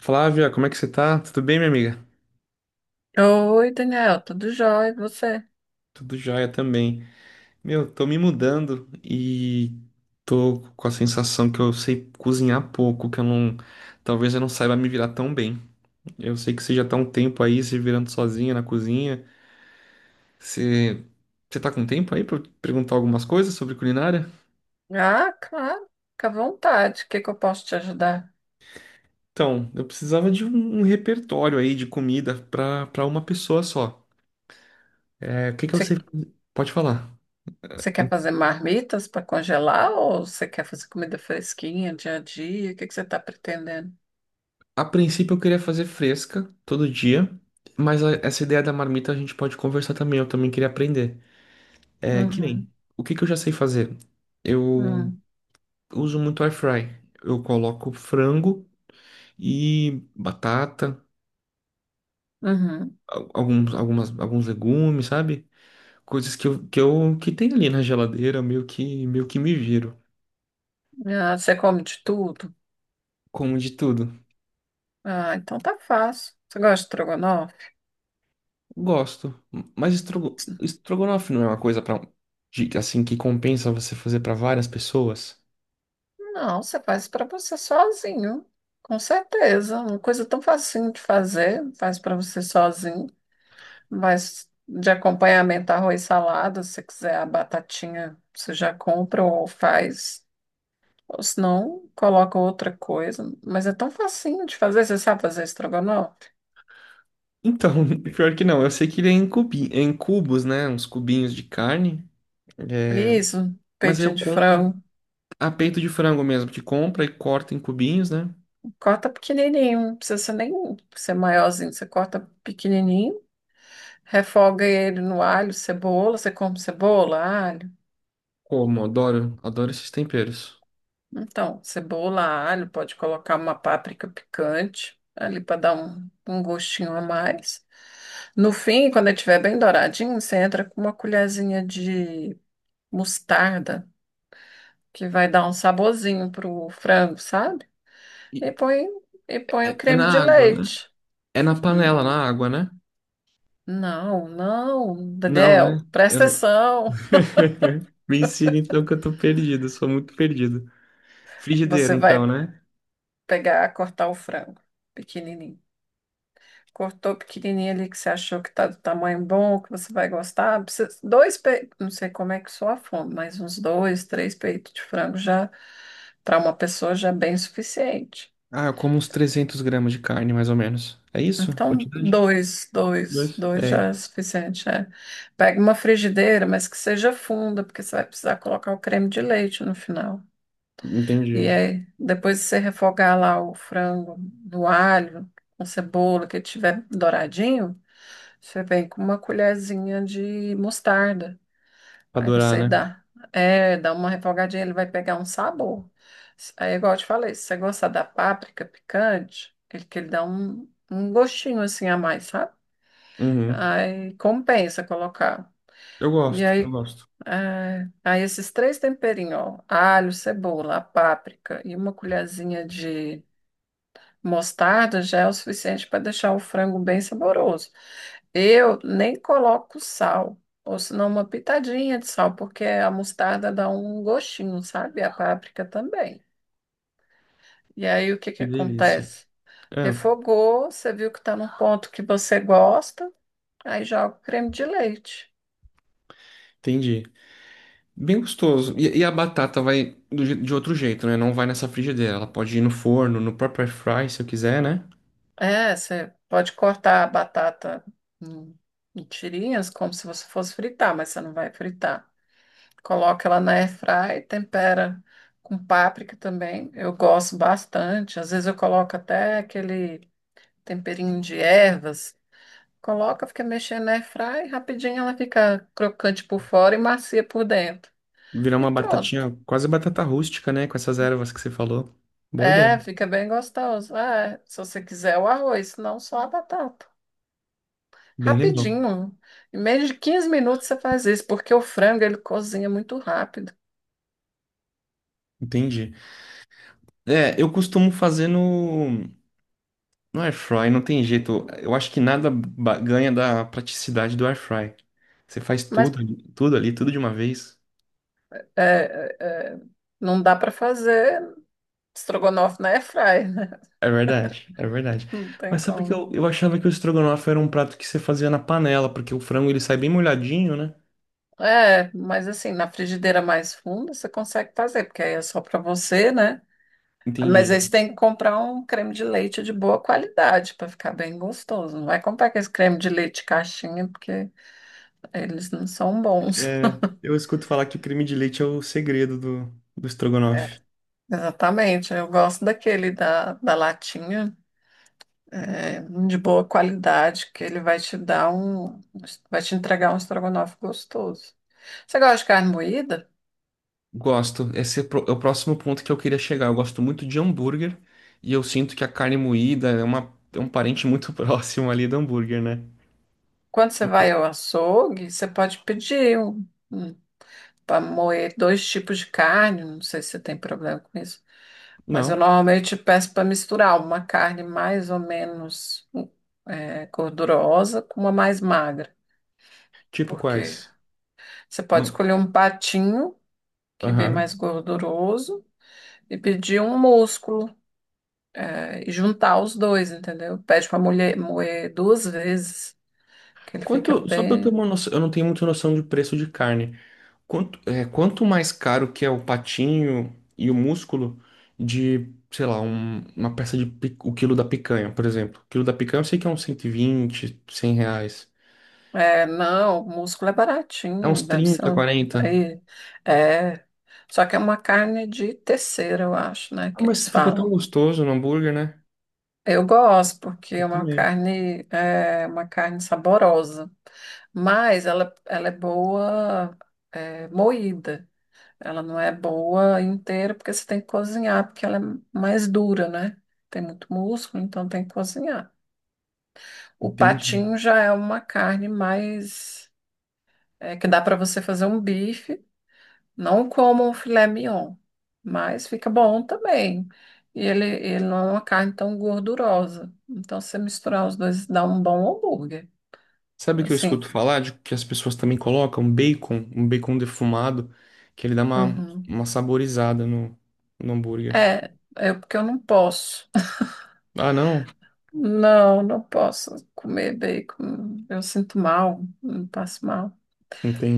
Flávia, como é que você tá? Tudo bem, minha amiga? Oi, Daniel, tudo jóia? E você? Tudo jóia também. Meu, tô me mudando e tô com a sensação que eu sei cozinhar pouco, que eu não. Talvez eu não saiba me virar tão bem. Eu sei que você já tá um tempo aí se virando sozinha na cozinha. Você, você tá com tempo aí pra eu perguntar algumas coisas sobre culinária? Ah, claro, fica à vontade. O que que eu posso te ajudar? Então, eu precisava de um repertório aí de comida pra uma pessoa só. É, o que que eu Você, sei? Pode falar. você quer fazer marmitas para congelar ou você quer fazer comida fresquinha, dia a dia? O que que você está pretendendo? A princípio eu queria fazer fresca todo dia, mas essa ideia da marmita a gente pode conversar também. Eu também queria aprender. É que nem, Uhum, o que que eu já sei fazer? Eu uhum, uso muito air fry. Eu coloco frango e batata, uhum. alguns legumes, sabe? Coisas que eu que tem ali na geladeira, meio que me viro. Ah, você come de tudo? Como de tudo. Ah, então tá fácil. Você gosta de estrogonofe? Gosto, mas estrogonofe não é uma coisa para assim que compensa você fazer para várias pessoas? Não, você faz para você sozinho, com certeza. Uma coisa tão facinho de fazer, faz para você sozinho. Mas de acompanhamento, arroz e salada, se você quiser a batatinha, você já compra ou faz. Ou se não, coloca outra coisa. Mas é tão facinho de fazer, você sabe fazer estrogonofe? Então, pior que não, eu sei que ele é em cubos, né? Uns cubinhos de carne. É, Isso, mas aí peitinho eu de compro frango. a peito de frango mesmo, que compra e corta em cubinhos, né? Corta pequenininho, não precisa ser nem ser maiorzinho. Você corta pequenininho, refoga ele no alho, cebola. Você come cebola, alho? Como, adoro, adoro esses temperos. Então, cebola, alho, pode colocar uma páprica picante ali para dar um gostinho a mais. No fim, quando ele estiver bem douradinho, você entra com uma colherzinha de mostarda, que vai dar um saborzinho pro frango, sabe? E E põe, e põe o é creme na de água, né? leite. É na Hum, panela, na água, né? Não, não, Não, né? Daniel, Eu presta não- atenção. Me ensina então que eu tô perdido, sou muito perdido. Frigideira, Você vai então, né? pegar, cortar o frango pequenininho. Cortou pequenininho ali que você achou que tá do tamanho bom, que você vai gostar. Dois peitos, não sei como é que soa a fome, mas uns dois, três peitos de frango já, para uma pessoa já é bem suficiente. Ah, eu como uns 300 gramas de carne, mais ou menos. É isso? Então, Quantidade? dois, dois, Dois. dois já É, é suficiente, é. Pega uma frigideira, mas que seja funda, porque você vai precisar colocar o creme de leite no final. E entendi. aí, depois de você refogar lá o frango no alho, com cebola, que ele tiver douradinho, você vem com uma colherzinha de mostarda. Pra Aí adorar, você né? dá, é, dá uma refogadinha, ele vai pegar um sabor. Aí, igual eu te falei, se você gostar da páprica picante, ele dá um gostinho assim a mais, sabe? Uhum. Aí compensa colocar. Eu E gosto, eu aí, gosto. é, aí esses três temperinhos, ó, alho, cebola, a páprica e uma colherzinha de mostarda já é o suficiente para deixar o frango bem saboroso. Eu nem coloco sal, ou senão uma pitadinha de sal, porque a mostarda dá um gostinho, sabe? A páprica também. E aí o que que Que delícia. acontece? É, Refogou, você viu que está num ponto que você gosta, aí joga o creme de leite. entendi. Bem gostoso. E a batata vai de outro jeito, né? Não vai nessa frigideira. Ela pode ir no forno, no próprio air fry, se eu quiser, né? É, você pode cortar a batata em em tirinhas, como se você fosse fritar, mas você não vai fritar. Coloca ela na airfry, tempera com páprica também. Eu gosto bastante. Às vezes eu coloco até aquele temperinho de ervas, coloca, fica mexendo na airfry, rapidinho ela fica crocante por fora e macia por dentro. Virar E uma pronto. batatinha, quase batata rústica, né? Com essas ervas que você falou. Boa É, ideia. fica bem gostoso. É, se você quiser o arroz, senão só a batata. Bem legal. Rapidinho. Em menos de 15 minutos você faz isso, porque o frango ele cozinha muito rápido. Entendi. É, eu costumo fazer no air fry, não tem jeito. Eu acho que nada ganha da praticidade do air fry. Você faz Mas tudo, tudo ali, tudo de uma vez. é, é, é, não dá para fazer estrogonofe na airfry, né? É verdade, é verdade. Não tem Mas sabe que como. eu achava que o estrogonofe era um prato que você fazia na panela, porque o frango ele sai bem molhadinho, né? É, mas assim, na frigideira mais funda você consegue fazer, porque aí é só para você, né? Mas Entendi. aí você tem que comprar um creme de leite de boa qualidade para ficar bem gostoso. Não vai comprar aquele creme de leite caixinha, porque eles não são bons. É, eu escuto falar que o creme de leite é o segredo do estrogonofe. É, exatamente, eu gosto daquele da latinha, é, de boa qualidade, que ele vai te entregar um estrogonofe gostoso. Você gosta de carne moída? Gosto. Esse é o próximo ponto que eu queria chegar. Eu gosto muito de hambúrguer e eu sinto que a carne moída é um parente muito próximo ali do hambúrguer, né? Quando você vai ao açougue, você pode pedir para moer dois tipos de carne, não sei se você tem problema com isso. Mas eu Não. normalmente peço para misturar uma carne mais ou menos gordurosa com uma mais magra, Tipo porque quais? você pode Ma- escolher um patinho, que vem mais Aham. gorduroso, e pedir um músculo, e juntar os dois, entendeu? Pede para mulher moer duas vezes, que ele fica Quanto, só pra eu ter bem. uma noção, eu não tenho muita noção de preço de carne. Quanto mais caro que é o patinho e o músculo de, sei lá, uma peça de o quilo da picanha, por exemplo. O quilo da picanha eu sei que é uns 120 100 reais. É, não, o músculo é É uns baratinho, deve ser 30 um. 40. Aí, é, só que é uma carne de terceira, eu acho, né, Ah, que mas eles fica tão falam. gostoso no hambúrguer, né? Eu gosto, porque Eu é uma também. carne, é uma carne saborosa, mas ela é boa, moída. Ela não é boa inteira, porque você tem que cozinhar, porque ela é mais dura, né? Tem muito músculo, então tem que cozinhar. O Entendi. patinho já é uma carne mais, que dá para você fazer um bife. Não como um filé mignon, mas fica bom também. E ele não é uma carne tão gordurosa. Então, se você misturar os dois, dá um bom hambúrguer. Sabe o que eu Assim, escuto falar de que as pessoas também colocam bacon, um bacon defumado, que ele dá uma, uhum. uma saborizada no hambúrguer. É porque eu não posso. Ah, não? Não, não posso comer bacon. Eu sinto mal, eu passo mal.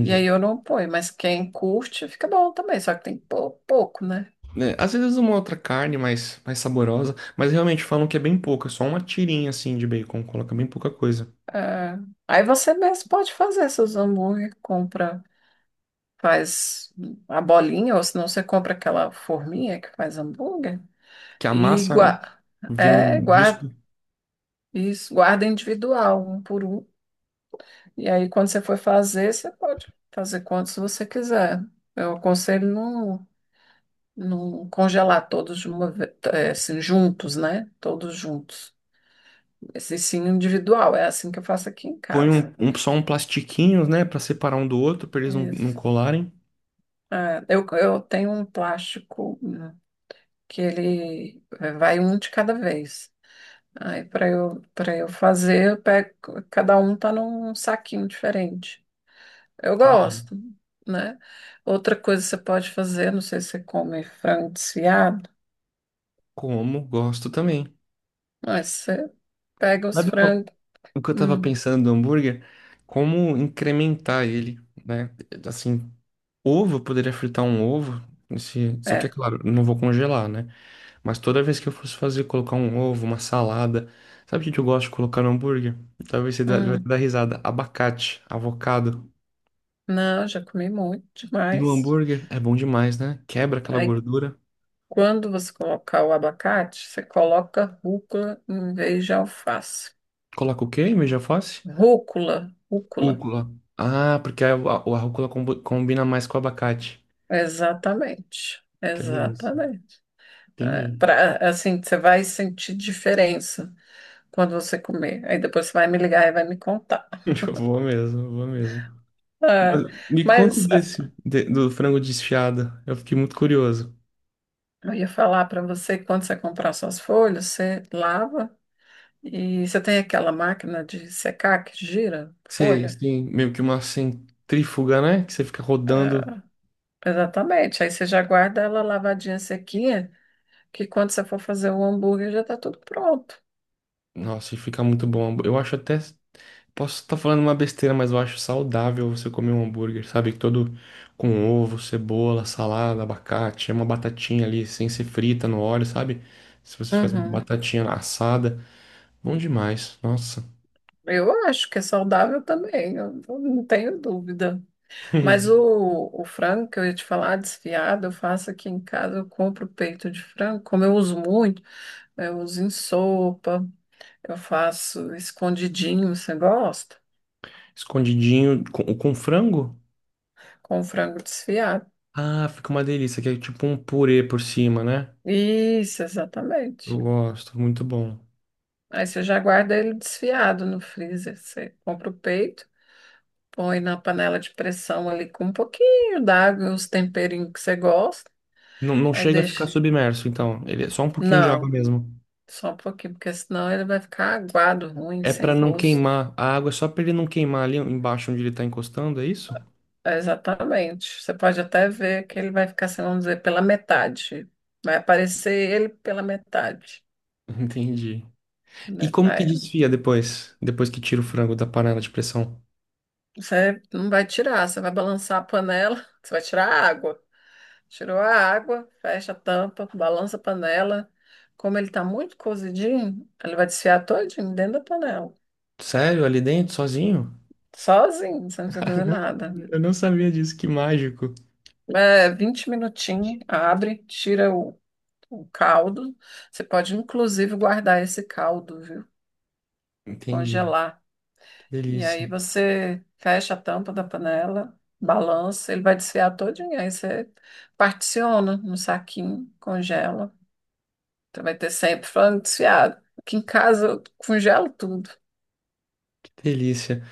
E aí eu não ponho, mas quem curte fica bom também, só que tem que pôr pouco, né? Né, às vezes uma outra carne mais saborosa, mas realmente falam que é bem pouca, só uma tirinha assim de bacon, coloca bem pouca coisa. É. Aí você mesmo pode fazer seus hambúrguer, compra. Faz a bolinha, ou senão você compra aquela forminha que faz hambúrguer Que a e massa, né? Vira é, um disco, guarda, isso, guarda individual, um por um. E aí, quando você for fazer, você pode fazer quantos você quiser. Eu aconselho não congelar todos de uma vez, assim, juntos, né? Todos juntos. Esse sim individual, é assim que eu faço aqui em põe casa. Só um plastiquinho, né, pra separar um do outro, pra eles não, não Isso. colarem. É, eu tenho um plástico que ele vai um de cada vez. Aí para eu fazer, eu pego, cada um tá num saquinho diferente. Eu Entendi. gosto, né? Outra coisa que você pode fazer, não sei se você come frango desfiado, Como, gosto também. mas você pega os Sabe uma- frangos, o que eu tava hum, pensando do hambúrguer? Como incrementar ele, né? Assim, ovo, eu poderia fritar um ovo, só que é é, claro, eu não vou congelar, né? Mas toda vez que eu fosse fazer, colocar um ovo, uma salada. Sabe o que que eu gosto de colocar no hambúrguer? Talvez você vai hum, dar risada. Abacate, avocado. não, já comi muito No demais. hambúrguer é bom demais, né? Quebra aquela Aí gordura. quando você colocar o abacate, você coloca rúcula em vez de alface. Coloca o quê em vez de alface? Rúcula, rúcula, Rúcula. Ah, porque a rúcula combina mais com o abacate. exatamente, Que delícia. exatamente. É, Entendi. pra- assim, você vai sentir diferença quando você comer. Aí depois você vai me ligar e vai me contar. Eu vou mesmo, eu vou mesmo. Mas É, me conta mas do frango desfiado. Eu fiquei muito curioso. eu ia falar para você que quando você comprar suas folhas, você lava e você tem aquela máquina de secar que gira Sei, folha. sim, meio que uma centrífuga, né? Que você fica rodando. É, exatamente. Aí você já guarda ela lavadinha, sequinha. Que quando você for fazer o hambúrguer já tá tudo pronto. Nossa, e fica muito bom. Eu acho até. Posso estar falando uma besteira, mas eu acho saudável você comer um hambúrguer, sabe? Todo com ovo, cebola, salada, abacate, é uma batatinha ali, sem ser frita no óleo, sabe? Se você faz uma Uhum. batatinha assada, bom demais, nossa. Eu acho que é saudável também, eu não tenho dúvida. Mas o frango que eu ia te falar, desfiado, eu faço aqui em casa, eu compro peito de frango, como eu uso muito, eu uso em sopa, eu faço escondidinho, você gosta? Escondidinho com frango? Com frango desfiado. Ah, fica uma delícia, que é tipo um purê por cima, né? Isso, exatamente. Eu gosto, muito bom. Aí você já guarda ele desfiado no freezer. Você compra o peito, põe na panela de pressão ali com um pouquinho d'água e os temperinhos que você gosta. Não, não Aí chega a ficar deixa. submerso, então. Ele é só um pouquinho de água Não, mesmo. só um pouquinho, porque senão ele vai ficar aguado, ruim, É pra sem não gosto. queimar. A água é só pra ele não queimar ali embaixo onde ele tá encostando, é isso? É, exatamente. Você pode até ver que ele vai ficar, assim, vamos dizer, pela metade. Vai aparecer ele pela metade. Entendi. E Né? como que Aí desfia depois? Depois que tira o frango da panela de pressão? você não vai tirar, você vai balançar a panela, você vai tirar a água. Tirou a água, fecha a tampa, balança a panela. Como ele está muito cozidinho, ele vai desfiar todinho dentro da panela. Sério? Ali dentro, sozinho? Sozinho, você não precisa fazer Caramba, nada. eu não sabia disso, que mágico. É, 20 minutinhos, abre, tira o caldo. Você pode, inclusive, guardar esse caldo, viu? Entendi. Congelar. Que E aí delícia, você fecha a tampa da panela, balança, ele vai desfiar todinho. Aí você particiona no saquinho, congela. Então vai ter sempre falando desfiado. Aqui em casa eu congelo tudo. que delícia.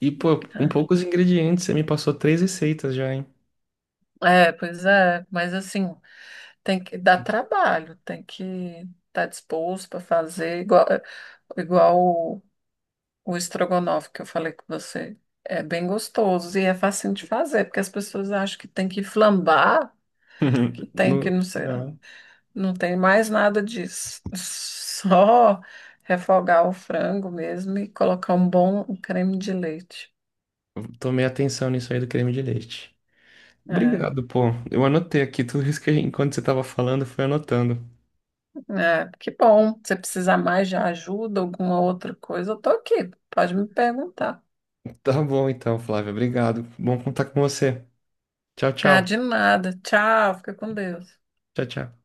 E, pô, com É, poucos ingredientes, você me passou três receitas já, hein? É, pois é, mas assim, tem que dar trabalho, tem que estar disposto para fazer igual o estrogonofe que eu falei com você. É bem gostoso e é fácil de fazer, porque as pessoas acham que tem que flambar, que tem que não sei, Não. não tem mais nada disso. Só refogar o frango mesmo e colocar um bom creme de leite. Tomei atenção nisso aí do creme de leite. É. Obrigado, pô. Eu anotei aqui tudo isso que a gente, enquanto você tava falando, eu fui anotando. É, que bom. Se precisar mais de ajuda, alguma outra coisa, eu tô aqui. Pode me perguntar. Tá bom então, Flávia. Obrigado. Bom contar com você. Tchau, Ah, tchau. de nada. Tchau, fica com Deus. Tchau, tchau.